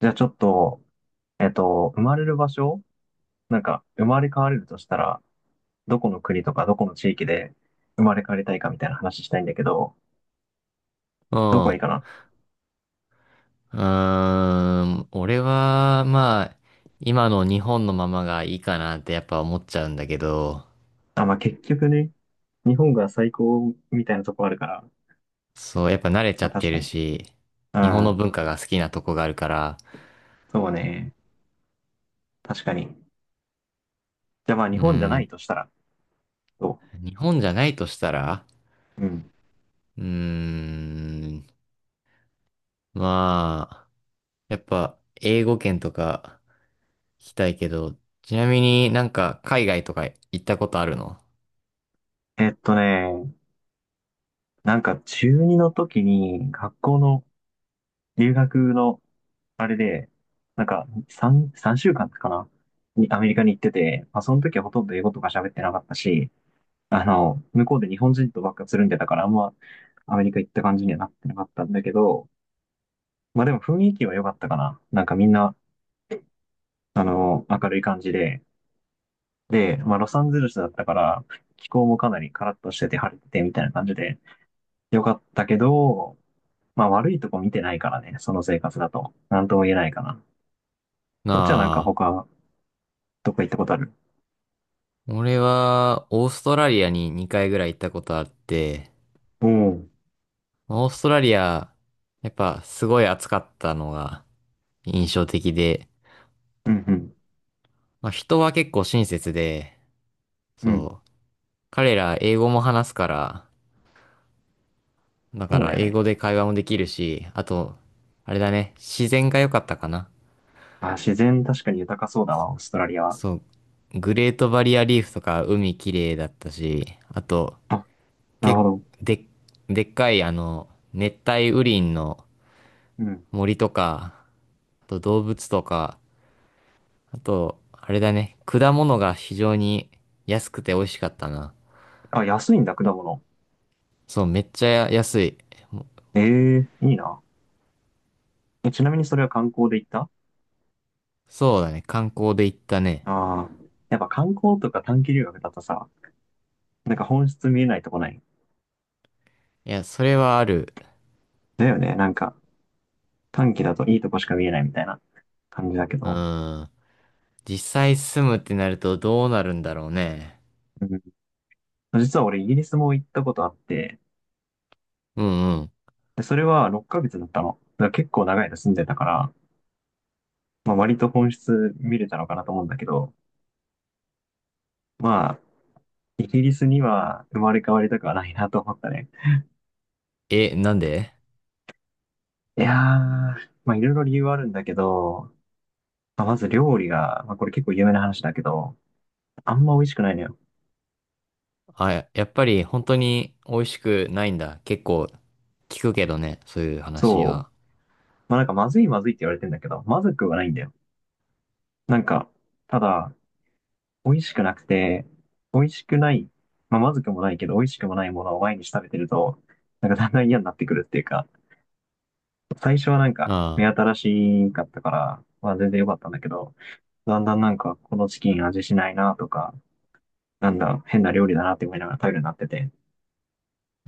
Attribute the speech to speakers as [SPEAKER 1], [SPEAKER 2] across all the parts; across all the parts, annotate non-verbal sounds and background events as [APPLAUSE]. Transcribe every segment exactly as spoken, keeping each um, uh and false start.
[SPEAKER 1] じゃあちょっと、えっと、生まれる場所なんか、生まれ変われるとしたら、どこの国とかどこの地域で生まれ変わりたいかみたいな話したいんだけど、
[SPEAKER 2] う
[SPEAKER 1] どこ
[SPEAKER 2] ん。
[SPEAKER 1] がいいか
[SPEAKER 2] う
[SPEAKER 1] な？
[SPEAKER 2] ーん。俺は、まあ、今の日本のままがいいかなってやっぱ思っちゃうんだけど、
[SPEAKER 1] あ、まあ、結局ね、日本が最高みたいなとこあるから、
[SPEAKER 2] そう、やっぱ慣れちゃ
[SPEAKER 1] まあ、
[SPEAKER 2] っ
[SPEAKER 1] 確
[SPEAKER 2] て
[SPEAKER 1] か
[SPEAKER 2] る
[SPEAKER 1] に。
[SPEAKER 2] し、
[SPEAKER 1] う
[SPEAKER 2] 日本の文
[SPEAKER 1] ん、
[SPEAKER 2] 化が好きなとこがあるから、
[SPEAKER 1] そうね。確かに。じゃあまあ、日
[SPEAKER 2] う
[SPEAKER 1] 本じゃない
[SPEAKER 2] ん、
[SPEAKER 1] としたら、ど
[SPEAKER 2] 日本じゃないとしたら、
[SPEAKER 1] ううん。
[SPEAKER 2] うーん、まあ、やっぱ英語圏とか行きたいけど、ちなみになんか海外とか行ったことあるの？
[SPEAKER 1] えっとね、なんか中二の時に学校の留学のあれで、なんか、さん、三週間かんかなにアメリカに行ってて、まあ、その時はほとんど英語とか喋ってなかったし、あの、向こうで日本人とばっかつるんでたから、あんまアメリカ行った感じにはなってなかったんだけど、まあでも雰囲気は良かったかな。なんかみんな、あの、明るい感じで、で、まあロサンゼルスだったから、気候もかなりカラッとしてて晴れててみたいな感じで、良かったけど、まあ悪いとこ見てないからね、その生活だと。なんとも言えないかな。なんか
[SPEAKER 2] な
[SPEAKER 1] 他、どっか行ったことある？
[SPEAKER 2] あ、俺はオーストラリアににかいぐらい行ったことあって、
[SPEAKER 1] おお。
[SPEAKER 2] オーストラリア、やっぱすごい暑かったのが印象的で、
[SPEAKER 1] うんう
[SPEAKER 2] まあ、人は結構親切で、
[SPEAKER 1] ん。うん。
[SPEAKER 2] そう、彼ら英語も話すから、だ
[SPEAKER 1] そ
[SPEAKER 2] か
[SPEAKER 1] うだ
[SPEAKER 2] ら
[SPEAKER 1] よ
[SPEAKER 2] 英語
[SPEAKER 1] ね。
[SPEAKER 2] で会話もできるし、あと、あれだね、自然が良かったかな。
[SPEAKER 1] あ、自然確かに豊かそうだわ、オーストラリアは。
[SPEAKER 2] そう、グレートバリアリーフとか海綺麗だったし、あと、
[SPEAKER 1] あ、なるほ
[SPEAKER 2] け、
[SPEAKER 1] ど。
[SPEAKER 2] で、でっかいあの、熱帯雨林の
[SPEAKER 1] うん。
[SPEAKER 2] 森とか、あと動物とか、あと、あれだね。果物が非常に安くて美味しかったな。
[SPEAKER 1] あ、安いんだ、果物。
[SPEAKER 2] そう、めっちゃ安い。もう
[SPEAKER 1] ええ、いいな。えちなみにそれは観光で行った？
[SPEAKER 2] そうだね。観光で行ったね。
[SPEAKER 1] ああー。やっぱ観光とか短期留学だとさ、なんか本質見えないとこない？
[SPEAKER 2] いや、それはある。
[SPEAKER 1] だよね。なんか短期だといいとこしか見えないみたいな感じだけ
[SPEAKER 2] う
[SPEAKER 1] ど。
[SPEAKER 2] ーん。実際住むってなるとどうなるんだろうね。
[SPEAKER 1] うん。実は俺イギリスも行ったことあって、
[SPEAKER 2] うんうん。
[SPEAKER 1] で、それはろっかげつだったの。だから結構長い間住んでたから、まあ割と本質見れたのかなと思うんだけど、まあ、イギリスには生まれ変わりたくはないなと思ったね。
[SPEAKER 2] え、なんで？
[SPEAKER 1] いやー、まあいろいろ理由はあるんだけど、まあ、まず料理が、まあこれ結構有名な話だけど、あんま美味しくないのよ。
[SPEAKER 2] あ、ややっぱり本当に美味しくないんだ。結構聞くけどね。そういう話
[SPEAKER 1] そう。
[SPEAKER 2] は。
[SPEAKER 1] まあなんかまずいまずいって言われてんだけど、まずくはないんだよ。なんか、ただ、美味しくなくて、美味しくない、まあまずくもないけど、美味しくもないものを毎日食べてると、なんかだんだん嫌になってくるっていうか、最初はなんか目
[SPEAKER 2] あ
[SPEAKER 1] 新しかったから、まあ全然良かったんだけど、だんだんなんかこのチキン味しないなとか、なんだ、変な料理だなって思いながら食べるようになってて、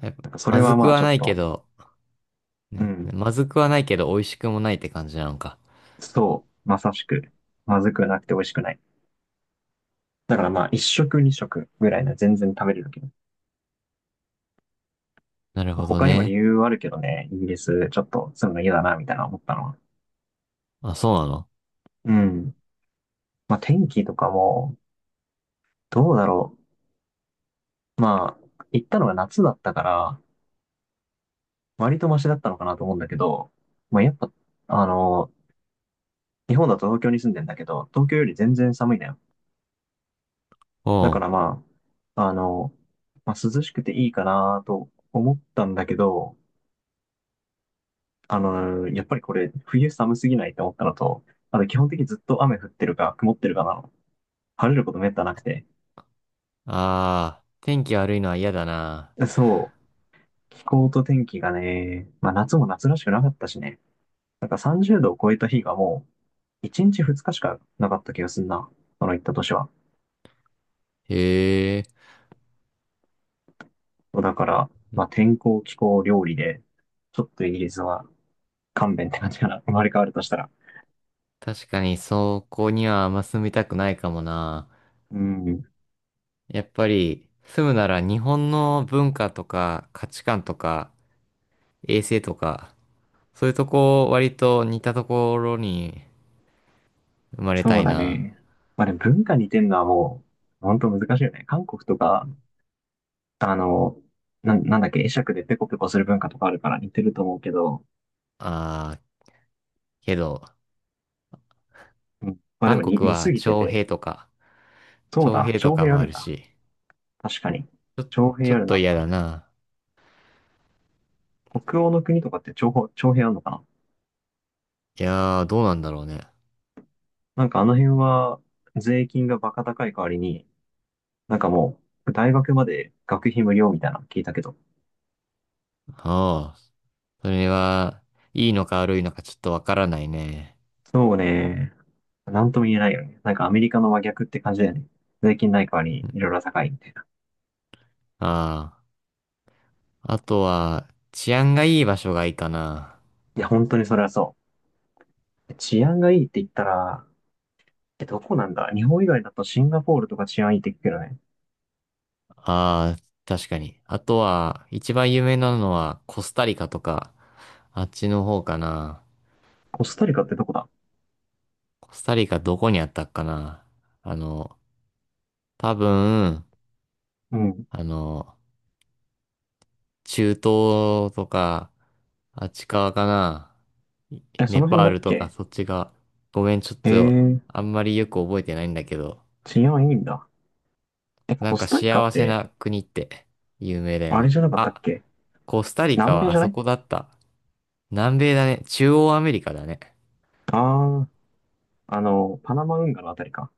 [SPEAKER 2] あ。やっぱ
[SPEAKER 1] なんかそれ
[SPEAKER 2] まず
[SPEAKER 1] は
[SPEAKER 2] く
[SPEAKER 1] まあち
[SPEAKER 2] は
[SPEAKER 1] ょっ
[SPEAKER 2] ないけ
[SPEAKER 1] と、
[SPEAKER 2] ど、
[SPEAKER 1] う
[SPEAKER 2] ね。
[SPEAKER 1] ん、
[SPEAKER 2] まずくはないけど美味しくもないって感じなのか。
[SPEAKER 1] そう、まさしく、まずくなくて美味しくない。だからまあ一食二食ぐらいなら全然食べれるけど、
[SPEAKER 2] なる
[SPEAKER 1] まあ、
[SPEAKER 2] ほど
[SPEAKER 1] 他にも理
[SPEAKER 2] ね。
[SPEAKER 1] 由はあるけどね、イギリスちょっと住むの嫌だなみたいな思ったのは。
[SPEAKER 2] あ、そうなの？
[SPEAKER 1] うん。まあ天気とかも、どうだろう。まあ、行ったのが夏だったから、割とマシだったのかなと思うんだけど、まあやっぱ、あの、日本だと東京に住んでんだけど、東京より全然寒いね。だ
[SPEAKER 2] お
[SPEAKER 1] から
[SPEAKER 2] う。
[SPEAKER 1] まあ、あの、まあ、涼しくていいかなと思ったんだけど、あの、やっぱりこれ冬寒すぎないと思ったのと、あと基本的にずっと雨降ってるか曇ってるかなの。晴れることめったなくて。
[SPEAKER 2] ああ、天気悪いのは嫌だな。
[SPEAKER 1] そう、気候と天気がね、まあ夏も夏らしくなかったしね。なんかさんじゅうどを超えた日がもういちにちふつかしかなかった気がすんな。その行った年は。
[SPEAKER 2] へえ。
[SPEAKER 1] だから、まあ天候、気候、料理で、ちょっとイギリスは勘弁って感じかな。生まれ変わるとしたら。
[SPEAKER 2] 確かにそこにはあんま住みたくないかもな。
[SPEAKER 1] うん。
[SPEAKER 2] やっぱり住むなら日本の文化とか価値観とか衛生とか、そういうとこ割と似たところに生まれた
[SPEAKER 1] そう
[SPEAKER 2] い
[SPEAKER 1] だ
[SPEAKER 2] な。
[SPEAKER 1] ね。まあでも文化似てんのはもう、本当難しいよね。韓国とか、あの、な、なんだっけ、会釈でペコペコする文化とかあるから似てると思うけど、
[SPEAKER 2] ああ、けど、
[SPEAKER 1] うん、まあでも
[SPEAKER 2] 韓
[SPEAKER 1] に
[SPEAKER 2] 国
[SPEAKER 1] 似
[SPEAKER 2] は
[SPEAKER 1] すぎて
[SPEAKER 2] 徴
[SPEAKER 1] て、
[SPEAKER 2] 兵とか、
[SPEAKER 1] そう
[SPEAKER 2] 徴
[SPEAKER 1] だ、
[SPEAKER 2] 兵と
[SPEAKER 1] 徴
[SPEAKER 2] か
[SPEAKER 1] 兵あ
[SPEAKER 2] もあ
[SPEAKER 1] るん
[SPEAKER 2] る
[SPEAKER 1] だ。
[SPEAKER 2] し、
[SPEAKER 1] 確かに。
[SPEAKER 2] ちょ、
[SPEAKER 1] 徴兵
[SPEAKER 2] ちょ
[SPEAKER 1] あ
[SPEAKER 2] っ
[SPEAKER 1] るな、
[SPEAKER 2] と
[SPEAKER 1] 確
[SPEAKER 2] 嫌だ
[SPEAKER 1] か
[SPEAKER 2] な。
[SPEAKER 1] に。北欧の国とかって徴兵、徴兵あるのかな？
[SPEAKER 2] いやー、どうなんだろうね。
[SPEAKER 1] なんかあの辺は、税金がバカ高い代わりに、なんかもう、大学まで学費無料みたいなの聞いたけど、
[SPEAKER 2] ああ。それは、いいのか悪いのかちょっとわからないね。
[SPEAKER 1] そうね。なんとも言えないよね。なんかアメリカの真逆って感じだよね。税金ない代わりにいろいろ高いみたいな。
[SPEAKER 2] ああ。あとは、治安がいい場所がいいかな。
[SPEAKER 1] いや、本当にそれはそう。治安がいいって言ったら、え、どこなんだ？日本以外だとシンガポールとか治安いいって聞くけどね。
[SPEAKER 2] ああ、確かに。あとは、一番有名なのは、コスタリカとか、あっちの方かな。
[SPEAKER 1] コスタリカってどこだ？
[SPEAKER 2] コスタリカどこにあったっかな。あの、多分、
[SPEAKER 1] うん。
[SPEAKER 2] あの、中東とか、あっち側かな。い
[SPEAKER 1] え、そ
[SPEAKER 2] ネ
[SPEAKER 1] の辺
[SPEAKER 2] パ
[SPEAKER 1] だ
[SPEAKER 2] ー
[SPEAKER 1] っ
[SPEAKER 2] ルとか
[SPEAKER 1] け？
[SPEAKER 2] そっち側。ごめん、ちょっ
[SPEAKER 1] え
[SPEAKER 2] と、
[SPEAKER 1] ー、
[SPEAKER 2] あんまりよく覚えてないんだけど。
[SPEAKER 1] 治安いいんだ。え、
[SPEAKER 2] な
[SPEAKER 1] コ
[SPEAKER 2] ん
[SPEAKER 1] ス
[SPEAKER 2] か
[SPEAKER 1] タリカっ
[SPEAKER 2] 幸せ
[SPEAKER 1] て、
[SPEAKER 2] な国って有名だよ
[SPEAKER 1] あれ
[SPEAKER 2] ね。
[SPEAKER 1] じゃなかったっ
[SPEAKER 2] あ、
[SPEAKER 1] け？
[SPEAKER 2] コスタリカ
[SPEAKER 1] 南米
[SPEAKER 2] は
[SPEAKER 1] じ
[SPEAKER 2] あ
[SPEAKER 1] ゃな
[SPEAKER 2] そ
[SPEAKER 1] い？
[SPEAKER 2] こだった。南米だね。中央アメリカだね。
[SPEAKER 1] ああー、あの、パナマ運河のあたりか。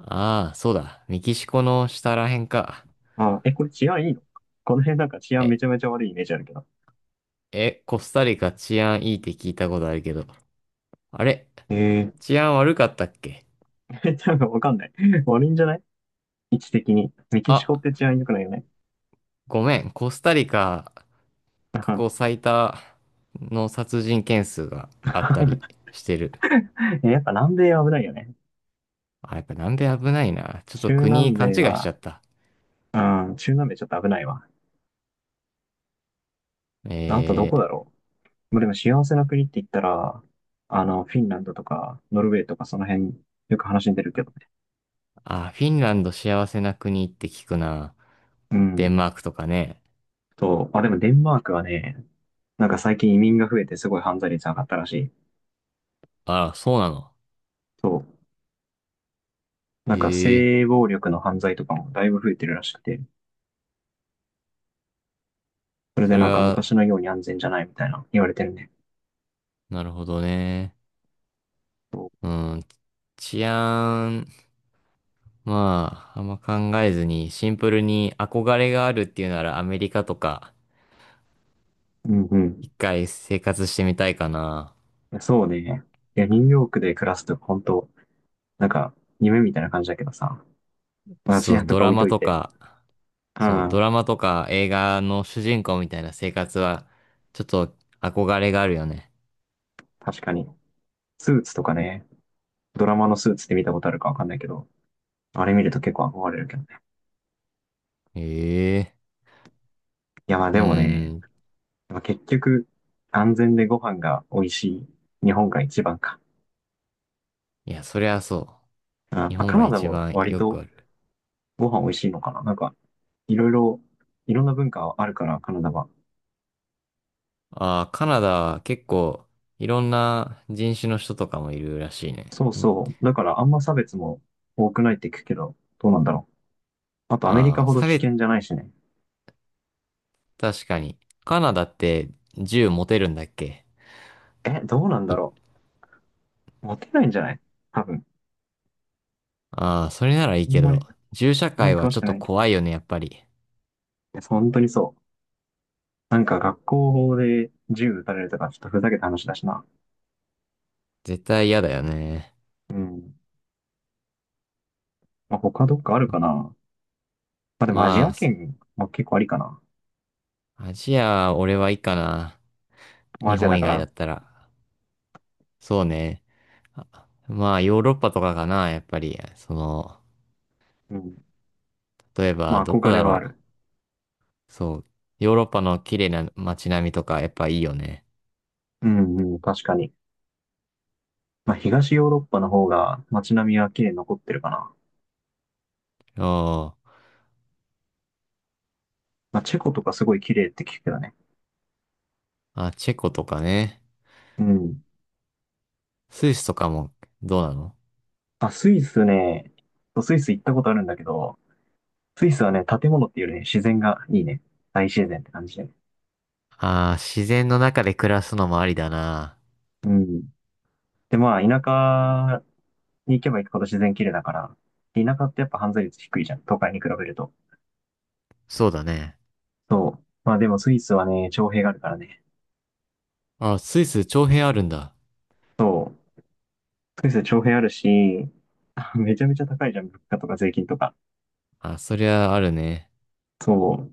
[SPEAKER 2] ああ、そうだ。メキシコの下らへんか。
[SPEAKER 1] あー、え、これ治安いいの？この辺なんか治安め
[SPEAKER 2] え、
[SPEAKER 1] ちゃめちゃ悪いイメージあるけど。
[SPEAKER 2] え、コスタリカ治安いいって聞いたことあるけど。あれ？
[SPEAKER 1] え
[SPEAKER 2] 治安悪かったっけ？
[SPEAKER 1] え、多分わかんない。悪いんじゃない？位置的に。メキシ
[SPEAKER 2] あ、
[SPEAKER 1] コって治安良くないよね。
[SPEAKER 2] ごめん。コスタリカ
[SPEAKER 1] う
[SPEAKER 2] 過
[SPEAKER 1] ん。
[SPEAKER 2] 去最多の殺人件数があったり
[SPEAKER 1] [LAUGHS]
[SPEAKER 2] してる。
[SPEAKER 1] やっぱ南米は危ないよね。
[SPEAKER 2] あ、やっぱ南米危ないな。ちょっと
[SPEAKER 1] 中南
[SPEAKER 2] 国勘
[SPEAKER 1] 米
[SPEAKER 2] 違いしち
[SPEAKER 1] は、
[SPEAKER 2] ゃった。
[SPEAKER 1] うん、中南米ちょっと危ないわ。あとど
[SPEAKER 2] え
[SPEAKER 1] こ
[SPEAKER 2] ー。
[SPEAKER 1] だろう。まあでも幸せな国って言ったら、あの、フィンランドとか、ノルウェーとかその辺、よく話に出るけどね。
[SPEAKER 2] あ、フィンランド幸せな国って聞くな。
[SPEAKER 1] う
[SPEAKER 2] デ
[SPEAKER 1] ん。
[SPEAKER 2] ンマークとかね。
[SPEAKER 1] そう。あ、でもデンマークはね、なんか最近移民が増えてすごい犯罪率上がったらしい。
[SPEAKER 2] あ、そうなの。
[SPEAKER 1] そう。なんか
[SPEAKER 2] ええ、
[SPEAKER 1] 性暴力の犯罪とかもだいぶ増えてるらしくて、それ
[SPEAKER 2] そ
[SPEAKER 1] で
[SPEAKER 2] れ
[SPEAKER 1] なんか
[SPEAKER 2] は、
[SPEAKER 1] 昔のように安全じゃないみたいな言われてるね。
[SPEAKER 2] なるほどね。
[SPEAKER 1] う
[SPEAKER 2] うん。治安、まあ、あんま考えずに、シンプルに憧れがあるっていうならアメリカとか、
[SPEAKER 1] んうん。い
[SPEAKER 2] 一回生活してみたいかな。
[SPEAKER 1] や、そうね。いや、ニューヨークで暮らすと本当、なんか、夢みたいな感じだけどさ。まあ、
[SPEAKER 2] そ
[SPEAKER 1] 治安
[SPEAKER 2] う、
[SPEAKER 1] と
[SPEAKER 2] ド
[SPEAKER 1] か
[SPEAKER 2] ラ
[SPEAKER 1] 置い
[SPEAKER 2] マ
[SPEAKER 1] とい
[SPEAKER 2] と
[SPEAKER 1] て。
[SPEAKER 2] か、
[SPEAKER 1] う
[SPEAKER 2] そう、ド
[SPEAKER 1] ん。
[SPEAKER 2] ラマとか映画の主人公みたいな生活は、ちょっと憧れがあるよね。
[SPEAKER 1] 確かに。スーツとかね、ドラマのスーツって見たことあるかわかんないけど、あれ見ると結構憧れるけどね。
[SPEAKER 2] ええ、
[SPEAKER 1] いや、まあ
[SPEAKER 2] う
[SPEAKER 1] でもね、
[SPEAKER 2] ん。
[SPEAKER 1] まあ、結局、安全でご飯が美味しい日本が一番か。
[SPEAKER 2] いや、そりゃそう。
[SPEAKER 1] うん。ま
[SPEAKER 2] 日
[SPEAKER 1] あ、
[SPEAKER 2] 本
[SPEAKER 1] カ
[SPEAKER 2] が
[SPEAKER 1] ナダ
[SPEAKER 2] 一
[SPEAKER 1] も
[SPEAKER 2] 番
[SPEAKER 1] 割
[SPEAKER 2] よく
[SPEAKER 1] と
[SPEAKER 2] ある。
[SPEAKER 1] ご飯美味しいのかな。なんか、いろいろ、いろんな文化あるから、カナダは。
[SPEAKER 2] ああ、カナダは結構いろんな人種の人とかもいるらしいね。
[SPEAKER 1] そうそう。だからあんま差別も多くないって聞くけど、どうなんだろう。あとアメリ
[SPEAKER 2] あ
[SPEAKER 1] カ
[SPEAKER 2] あー、
[SPEAKER 1] ほど
[SPEAKER 2] 差
[SPEAKER 1] 危
[SPEAKER 2] 別、
[SPEAKER 1] 険じゃないしね。
[SPEAKER 2] 確かに。カナダって銃持てるんだっけ？
[SPEAKER 1] え、どうなんだ
[SPEAKER 2] い
[SPEAKER 1] ろう。モテないんじゃない？多分。
[SPEAKER 2] ああ、それならいい
[SPEAKER 1] あん
[SPEAKER 2] け
[SPEAKER 1] まり、
[SPEAKER 2] ど、銃社
[SPEAKER 1] あんま
[SPEAKER 2] 会
[SPEAKER 1] り
[SPEAKER 2] は
[SPEAKER 1] 詳し
[SPEAKER 2] ちょっ
[SPEAKER 1] く
[SPEAKER 2] と
[SPEAKER 1] ないけど。い
[SPEAKER 2] 怖いよね、やっぱり。
[SPEAKER 1] や、本当にそう。なんか学校法で銃撃たれるとか、ちょっとふざけた話だしな。
[SPEAKER 2] 絶対嫌だよね。
[SPEAKER 1] うん。まあ、他どっかあるかな。まあ、でもアジ
[SPEAKER 2] ま
[SPEAKER 1] ア
[SPEAKER 2] あ、そ
[SPEAKER 1] 圏も結構ありかな。
[SPEAKER 2] アジア、俺はいいかな。
[SPEAKER 1] まあア
[SPEAKER 2] 日
[SPEAKER 1] ジアだ
[SPEAKER 2] 本以
[SPEAKER 1] か
[SPEAKER 2] 外だ
[SPEAKER 1] ら。
[SPEAKER 2] ったら。そうね。あまあ、ヨーロッパとかかな、やっぱり。その、
[SPEAKER 1] うん。
[SPEAKER 2] 例え
[SPEAKER 1] ま
[SPEAKER 2] ば、
[SPEAKER 1] あ、
[SPEAKER 2] どこ
[SPEAKER 1] 憧れ
[SPEAKER 2] だ
[SPEAKER 1] はあ
[SPEAKER 2] ろ
[SPEAKER 1] る。
[SPEAKER 2] う。そう。ヨーロッパの綺麗な街並みとかやっぱいいよね。
[SPEAKER 1] うんうん、確かに。まあ、東ヨーロッパの方が街並みは綺麗に残ってるかな。
[SPEAKER 2] おー。
[SPEAKER 1] まあ、チェコとかすごい綺麗って聞くけどね。
[SPEAKER 2] あ、チェコとかね。
[SPEAKER 1] うん。
[SPEAKER 2] スイスとかもどうなの？
[SPEAKER 1] あ、スイスね、スイス行ったことあるんだけど、スイスはね、建物っていうよりね、自然がいいね。大自然って感じで。
[SPEAKER 2] ああー、自然の中で暮らすのもありだな。
[SPEAKER 1] うん。で、まあ、田舎に行けば行くほど自然綺麗だから、田舎ってやっぱ犯罪率低いじゃん。都会に比べると。
[SPEAKER 2] そうだね。
[SPEAKER 1] そう。まあでもスイスはね、徴兵があるからね。
[SPEAKER 2] あ、スイス長編あるんだ。
[SPEAKER 1] そう。スイスは徴兵あるし、[LAUGHS] めちゃめちゃ高いじゃん。物価とか税金とか。
[SPEAKER 2] あ、そりゃあるね。
[SPEAKER 1] そう。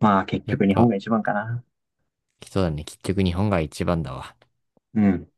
[SPEAKER 1] まあ結
[SPEAKER 2] やっ
[SPEAKER 1] 局日本
[SPEAKER 2] ぱ、
[SPEAKER 1] が一番かな。
[SPEAKER 2] 人だね。結局日本が一番だわ。
[SPEAKER 1] うん。